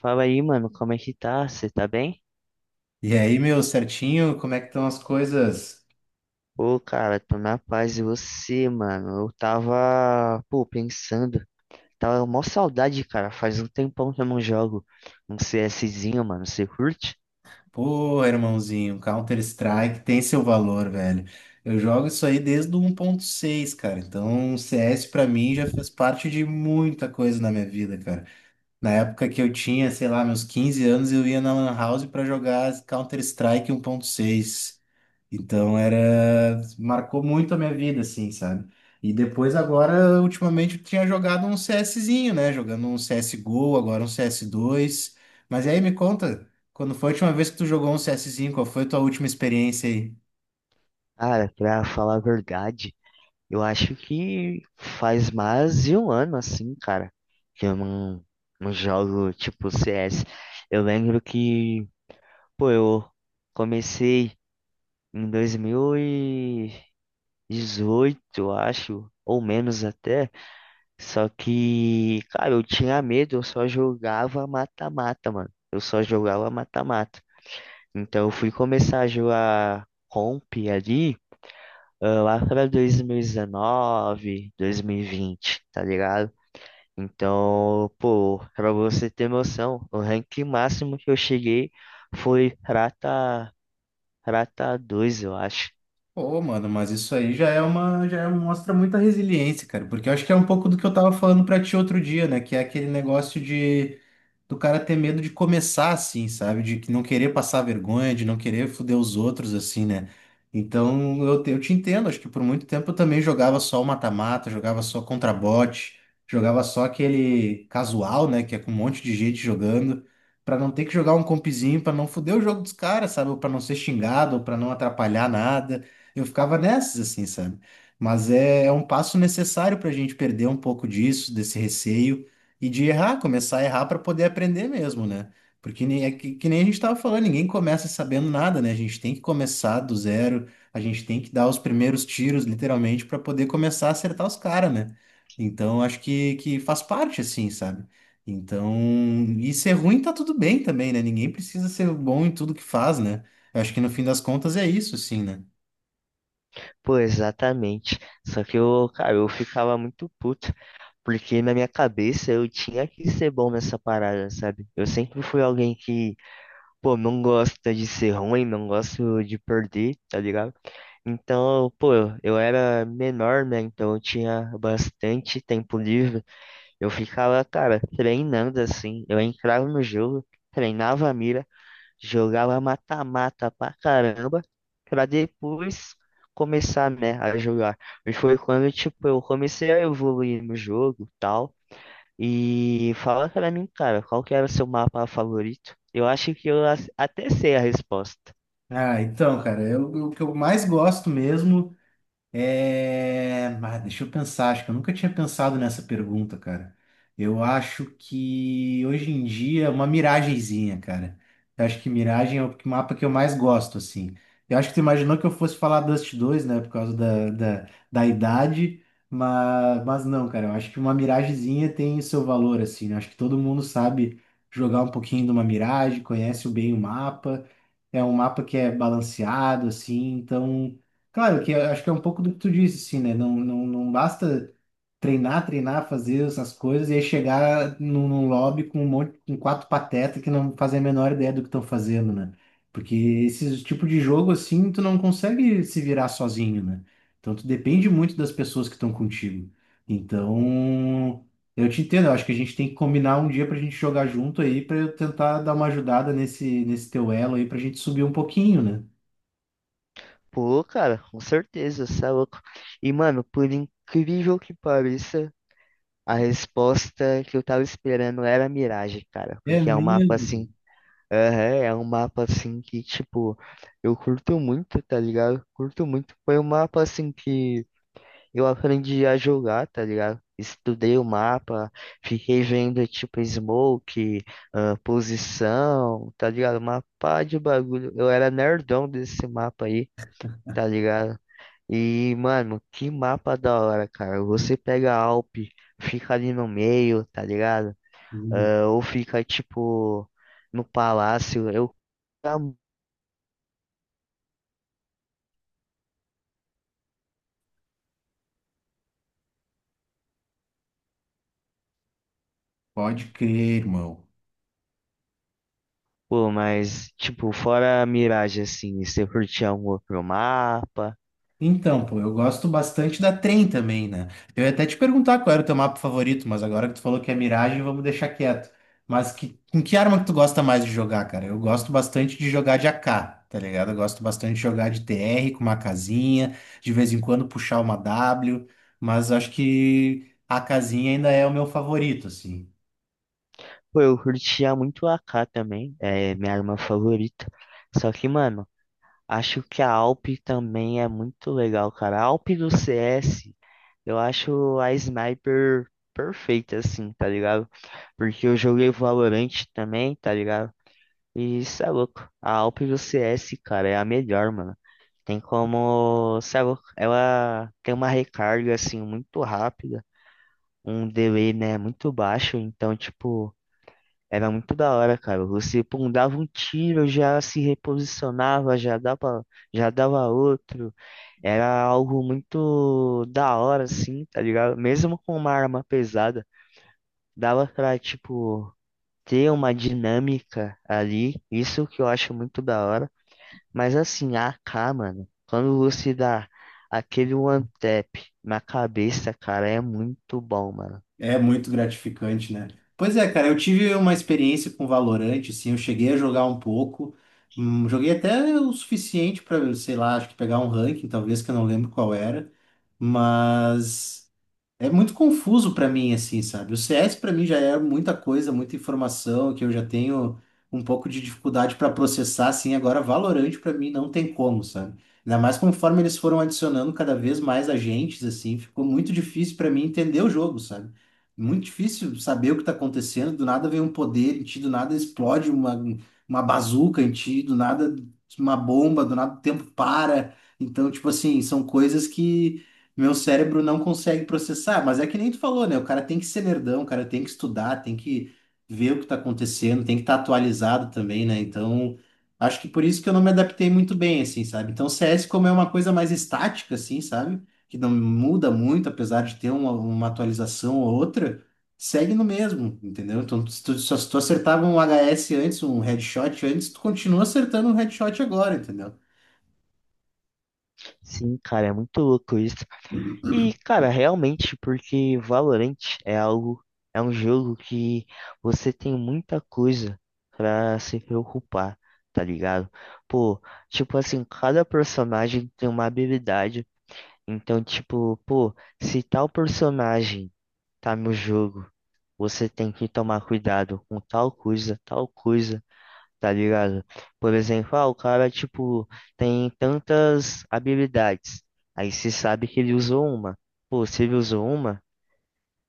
Fala aí, mano, como é que tá? Você tá bem? E aí, meu certinho, como é que estão as coisas? Pô, cara, tô na paz e você, mano? Eu tava, pô, pensando. Tava mó saudade, cara. Faz um tempão que eu não jogo um CSzinho, mano. Você curte? Pô, irmãozinho, Counter-Strike tem seu valor, velho. Eu jogo isso aí desde o 1.6, cara. Então, o CS pra mim já fez parte de muita coisa na minha vida, cara. Na época que eu tinha, sei lá, meus 15 anos, eu ia na Lan House pra jogar Counter-Strike 1.6. Marcou muito a minha vida, assim, sabe? E depois agora, ultimamente, eu tinha jogado um CSzinho, né? Jogando um CSGO, agora um CS2. Mas aí me conta, quando foi a última vez que tu jogou um CSzinho? Qual foi a tua última experiência aí? Cara, pra falar a verdade, eu acho que faz mais de um ano, assim, cara, que eu não jogo, tipo, CS. Eu lembro que, pô, eu comecei em 2000 e 18 acho, ou menos até. Só que, cara, eu tinha medo, eu só jogava mata-mata, mano. Eu só jogava mata-mata. Então eu fui começar a jogar comp ali, ah, lá pra 2019, 2020, tá ligado? Então, pô, pra você ter noção, o rank máximo que eu cheguei foi prata, prata 2 eu acho. Pô, mano, mas isso aí já é uma, já é- mostra muita resiliência, cara, porque eu acho que é um pouco do que eu tava falando pra ti outro dia, né? Que é aquele negócio de do cara ter medo de começar assim, sabe? De que não querer passar vergonha, de não querer foder os outros assim, né? Então eu te entendo, acho que por muito tempo eu também jogava só o mata-mata, jogava só contra bot, jogava só aquele casual, né? Que é com um monte de gente jogando, pra não ter que jogar um compzinho, pra não foder o jogo dos caras, sabe? Ou pra não ser xingado, ou pra não atrapalhar nada. Eu ficava nessas assim, sabe? Mas é, é um passo necessário pra gente perder um pouco disso, desse receio e de errar, começar a errar para poder aprender mesmo, né? Porque nem, é que nem a gente estava falando, ninguém começa sabendo nada, né? A gente tem que começar do zero, a gente tem que dar os primeiros tiros, literalmente, para poder começar a acertar os caras, né? Então, acho que faz parte, assim, sabe? Então, e ser ruim tá tudo bem também, né? Ninguém precisa ser bom em tudo que faz, né? Eu acho que no fim das contas é isso, assim, né? Pô, exatamente. Só que eu, cara, eu ficava muito puto. Porque na minha cabeça eu tinha que ser bom nessa parada, sabe? Eu sempre fui alguém que, pô, não gosta de ser ruim, não gosto de perder, tá ligado? Então, pô, eu era menor, né? Então eu tinha bastante tempo livre. Eu ficava, cara, treinando assim. Eu entrava no jogo, treinava a mira, jogava mata-mata pra caramba, pra depois começar, né, a jogar. E foi quando, tipo, eu comecei a evoluir no jogo, tal. E fala pra mim, cara, qual que era o seu mapa favorito? Eu acho que eu até sei a resposta. Ah, então, cara, o que eu mais gosto mesmo. É, mas deixa eu pensar, acho que eu nunca tinha pensado nessa pergunta, cara. Eu acho que hoje em dia uma miragenzinha, cara. Eu acho que miragem é o mapa que eu mais gosto, assim. Eu acho que tu imaginou que eu fosse falar Dust 2, né, por causa da idade, mas não, cara. Eu acho que uma miragenzinha tem seu valor, assim, né? Eu acho que todo mundo sabe jogar um pouquinho de uma miragem, conhece bem o mapa. É um mapa que é balanceado, assim, então, claro que eu acho que é um pouco do que tu disse, assim, né? Não, não, não basta treinar, treinar, fazer essas coisas e aí chegar num lobby com com quatro patetas que não fazem a menor ideia do que estão fazendo, né? Porque esse tipo de jogo assim, tu não consegue se virar sozinho, né? Então tu depende muito das pessoas que estão contigo. Então, eu te entendo, eu acho que a gente tem que combinar um dia pra gente jogar junto aí, pra eu tentar dar uma ajudada nesse teu elo aí pra gente subir um pouquinho, né? Pô, cara, com certeza, você é louco. E, mano, por incrível que pareça, a resposta que eu tava esperando era Mirage, cara. É Porque é um mapa mesmo? assim. Aham, é um mapa assim que, tipo, eu curto muito, tá ligado? Curto muito. Foi um mapa assim que eu aprendi a jogar, tá ligado? Estudei o mapa, fiquei vendo tipo smoke, ah, posição, tá ligado? Uma pá de bagulho. Eu era nerdão desse mapa aí, tá ligado? E, mano, que mapa da hora, cara. Você pega a Alp, fica ali no meio, tá ligado? Uhum. Ah, ou fica tipo no palácio. Eu Pode crer, irmão. pô, mas tipo, fora a miragem assim, você curtia um outro mapa. Então, pô, eu gosto bastante da Trem também, né? Eu ia até te perguntar qual era o teu mapa favorito, mas agora que tu falou que é Mirage, vamos deixar quieto. Mas que, com que arma que tu gosta mais de jogar, cara? Eu gosto bastante de jogar de AK, tá ligado? Eu gosto bastante de jogar de TR com uma casinha, de vez em quando puxar uma W, mas acho que a casinha ainda é o meu favorito, assim. Pô, eu curtia muito a AK também, é minha arma favorita. Só que, mano, acho que a Alp também é muito legal, cara. A Alp do CS, eu acho a sniper perfeita, assim, tá ligado? Porque eu joguei Valorant também, tá ligado? E isso é louco. A Alp do CS, cara, é a melhor, mano. Tem como, cê é louco, ela tem uma recarga, assim, muito rápida, um delay, né, muito baixo, então, tipo. Era muito da hora, cara. Você, pum, dava um tiro, já se reposicionava, já dava outro. Era algo muito da hora, assim, tá ligado? Mesmo com uma arma pesada, dava pra, tipo, ter uma dinâmica ali. Isso que eu acho muito da hora. Mas, assim, a AK, mano, quando você dá aquele one tap na cabeça, cara, é muito bom, mano. É muito gratificante, né? Pois é, cara, eu tive uma experiência com Valorant, assim, eu cheguei a jogar um pouco, joguei até o suficiente para, sei lá, acho que pegar um ranking, talvez, que eu não lembro qual era, mas é muito confuso pra mim, assim, sabe? O CS pra mim já é muita coisa, muita informação que eu já tenho um pouco de dificuldade pra processar, assim. Agora, Valorant pra mim não tem como, sabe? Ainda mais conforme eles foram adicionando cada vez mais agentes, assim, ficou muito difícil pra mim entender o jogo, sabe? Muito difícil saber o que tá acontecendo. Do nada vem um poder em ti, do nada explode uma bazuca em ti, do nada uma bomba, do nada o tempo para. Então, tipo assim, são coisas que meu cérebro não consegue processar, mas é que nem tu falou, né? O cara tem que ser nerdão, o cara tem que estudar, tem que ver o que tá acontecendo, tem que estar atualizado também, né? Então, acho que por isso que eu não me adaptei muito bem, assim, sabe? Então, CS, como é uma coisa mais estática, assim, sabe? Que não muda muito, apesar de ter uma atualização ou outra, segue no mesmo, entendeu? Então, se tu, só se tu acertava um HS antes, um headshot antes, tu continua acertando um headshot agora, entendeu? Sim, cara, é muito louco isso. E, cara, realmente, porque Valorant é algo, é um jogo que você tem muita coisa pra se preocupar, tá ligado? Pô, tipo assim, cada personagem tem uma habilidade. Então, tipo, pô, se tal personagem tá no jogo, você tem que tomar cuidado com tal coisa, tal coisa, tá ligado? Por exemplo, ah, o cara, tipo, tem tantas habilidades. Aí se sabe que ele usou uma. Pô, se ele usou uma,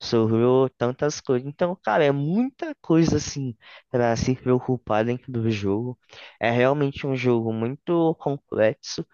sobrou tantas coisas. Então, cara, é muita coisa, assim, pra se preocupar dentro do jogo. É realmente um jogo muito complexo.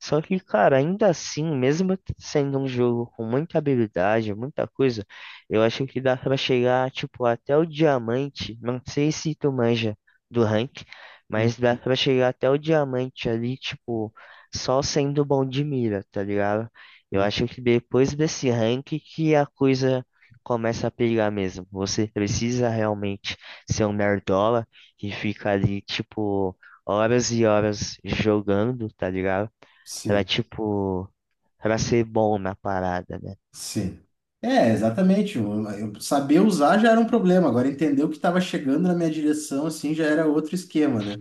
Só que, cara, ainda assim, mesmo sendo um jogo com muita habilidade, muita coisa, eu acho que dá pra chegar, tipo, até o diamante. Não sei se tu manja do rank, mas dá pra chegar até o diamante ali, tipo, só sendo bom de mira, tá ligado? Eu Uhum. acho que depois desse rank que a coisa começa a pegar mesmo. Você precisa realmente ser um nerdola que fica ali, tipo, horas e horas jogando, tá ligado? Pra, Sim. tipo, pra ser bom na parada, né? Sim. É, exatamente. Saber usar já era um problema. Agora, entender o que estava chegando na minha direção, assim, já era outro esquema, né?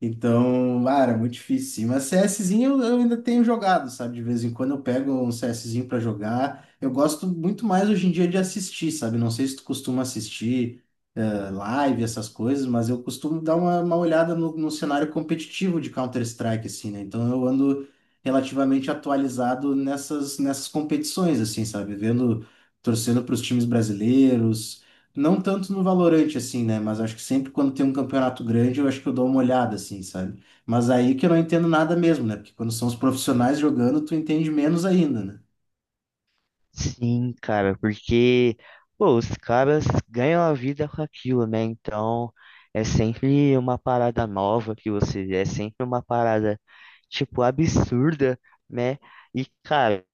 Então, ah, era muito difícil, sim. Mas CSzinho eu ainda tenho jogado, sabe? De vez em quando eu pego um CSzinho para jogar. Eu gosto muito mais hoje em dia de assistir, sabe? Não sei se tu costuma assistir live, essas coisas, mas eu costumo dar uma olhada no cenário competitivo de Counter-Strike, assim, né? Então eu ando relativamente atualizado nessas competições, assim, sabe? Vendo, torcendo para os times brasileiros, não tanto no Valorante, assim, né? Mas acho que sempre quando tem um campeonato grande, eu acho que eu dou uma olhada, assim, sabe? Mas aí que eu não entendo nada mesmo, né? Porque quando são os profissionais jogando, tu entende menos ainda, né? Sim, cara, porque, pô, os caras ganham a vida com aquilo, né? Então, é sempre uma parada nova que você vê, é sempre uma parada, tipo, absurda, né? E, cara,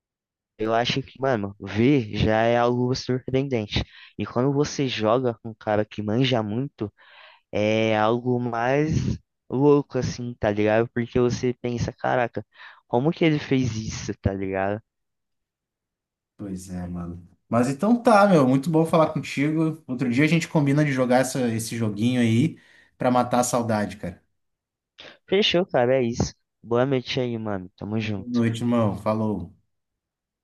eu acho que, mano, ver já é algo surpreendente. E quando você joga com um cara que manja muito, é algo mais louco, assim, tá ligado? Porque você pensa, caraca, como que ele fez isso, tá ligado? Pois é, mano. Mas então tá, meu, muito bom falar contigo. Outro dia a gente combina de jogar esse joguinho aí pra matar a saudade, cara. Fechou, cara, é isso. Boa noite aí, mano. Tamo Boa junto. noite, irmão. Falou.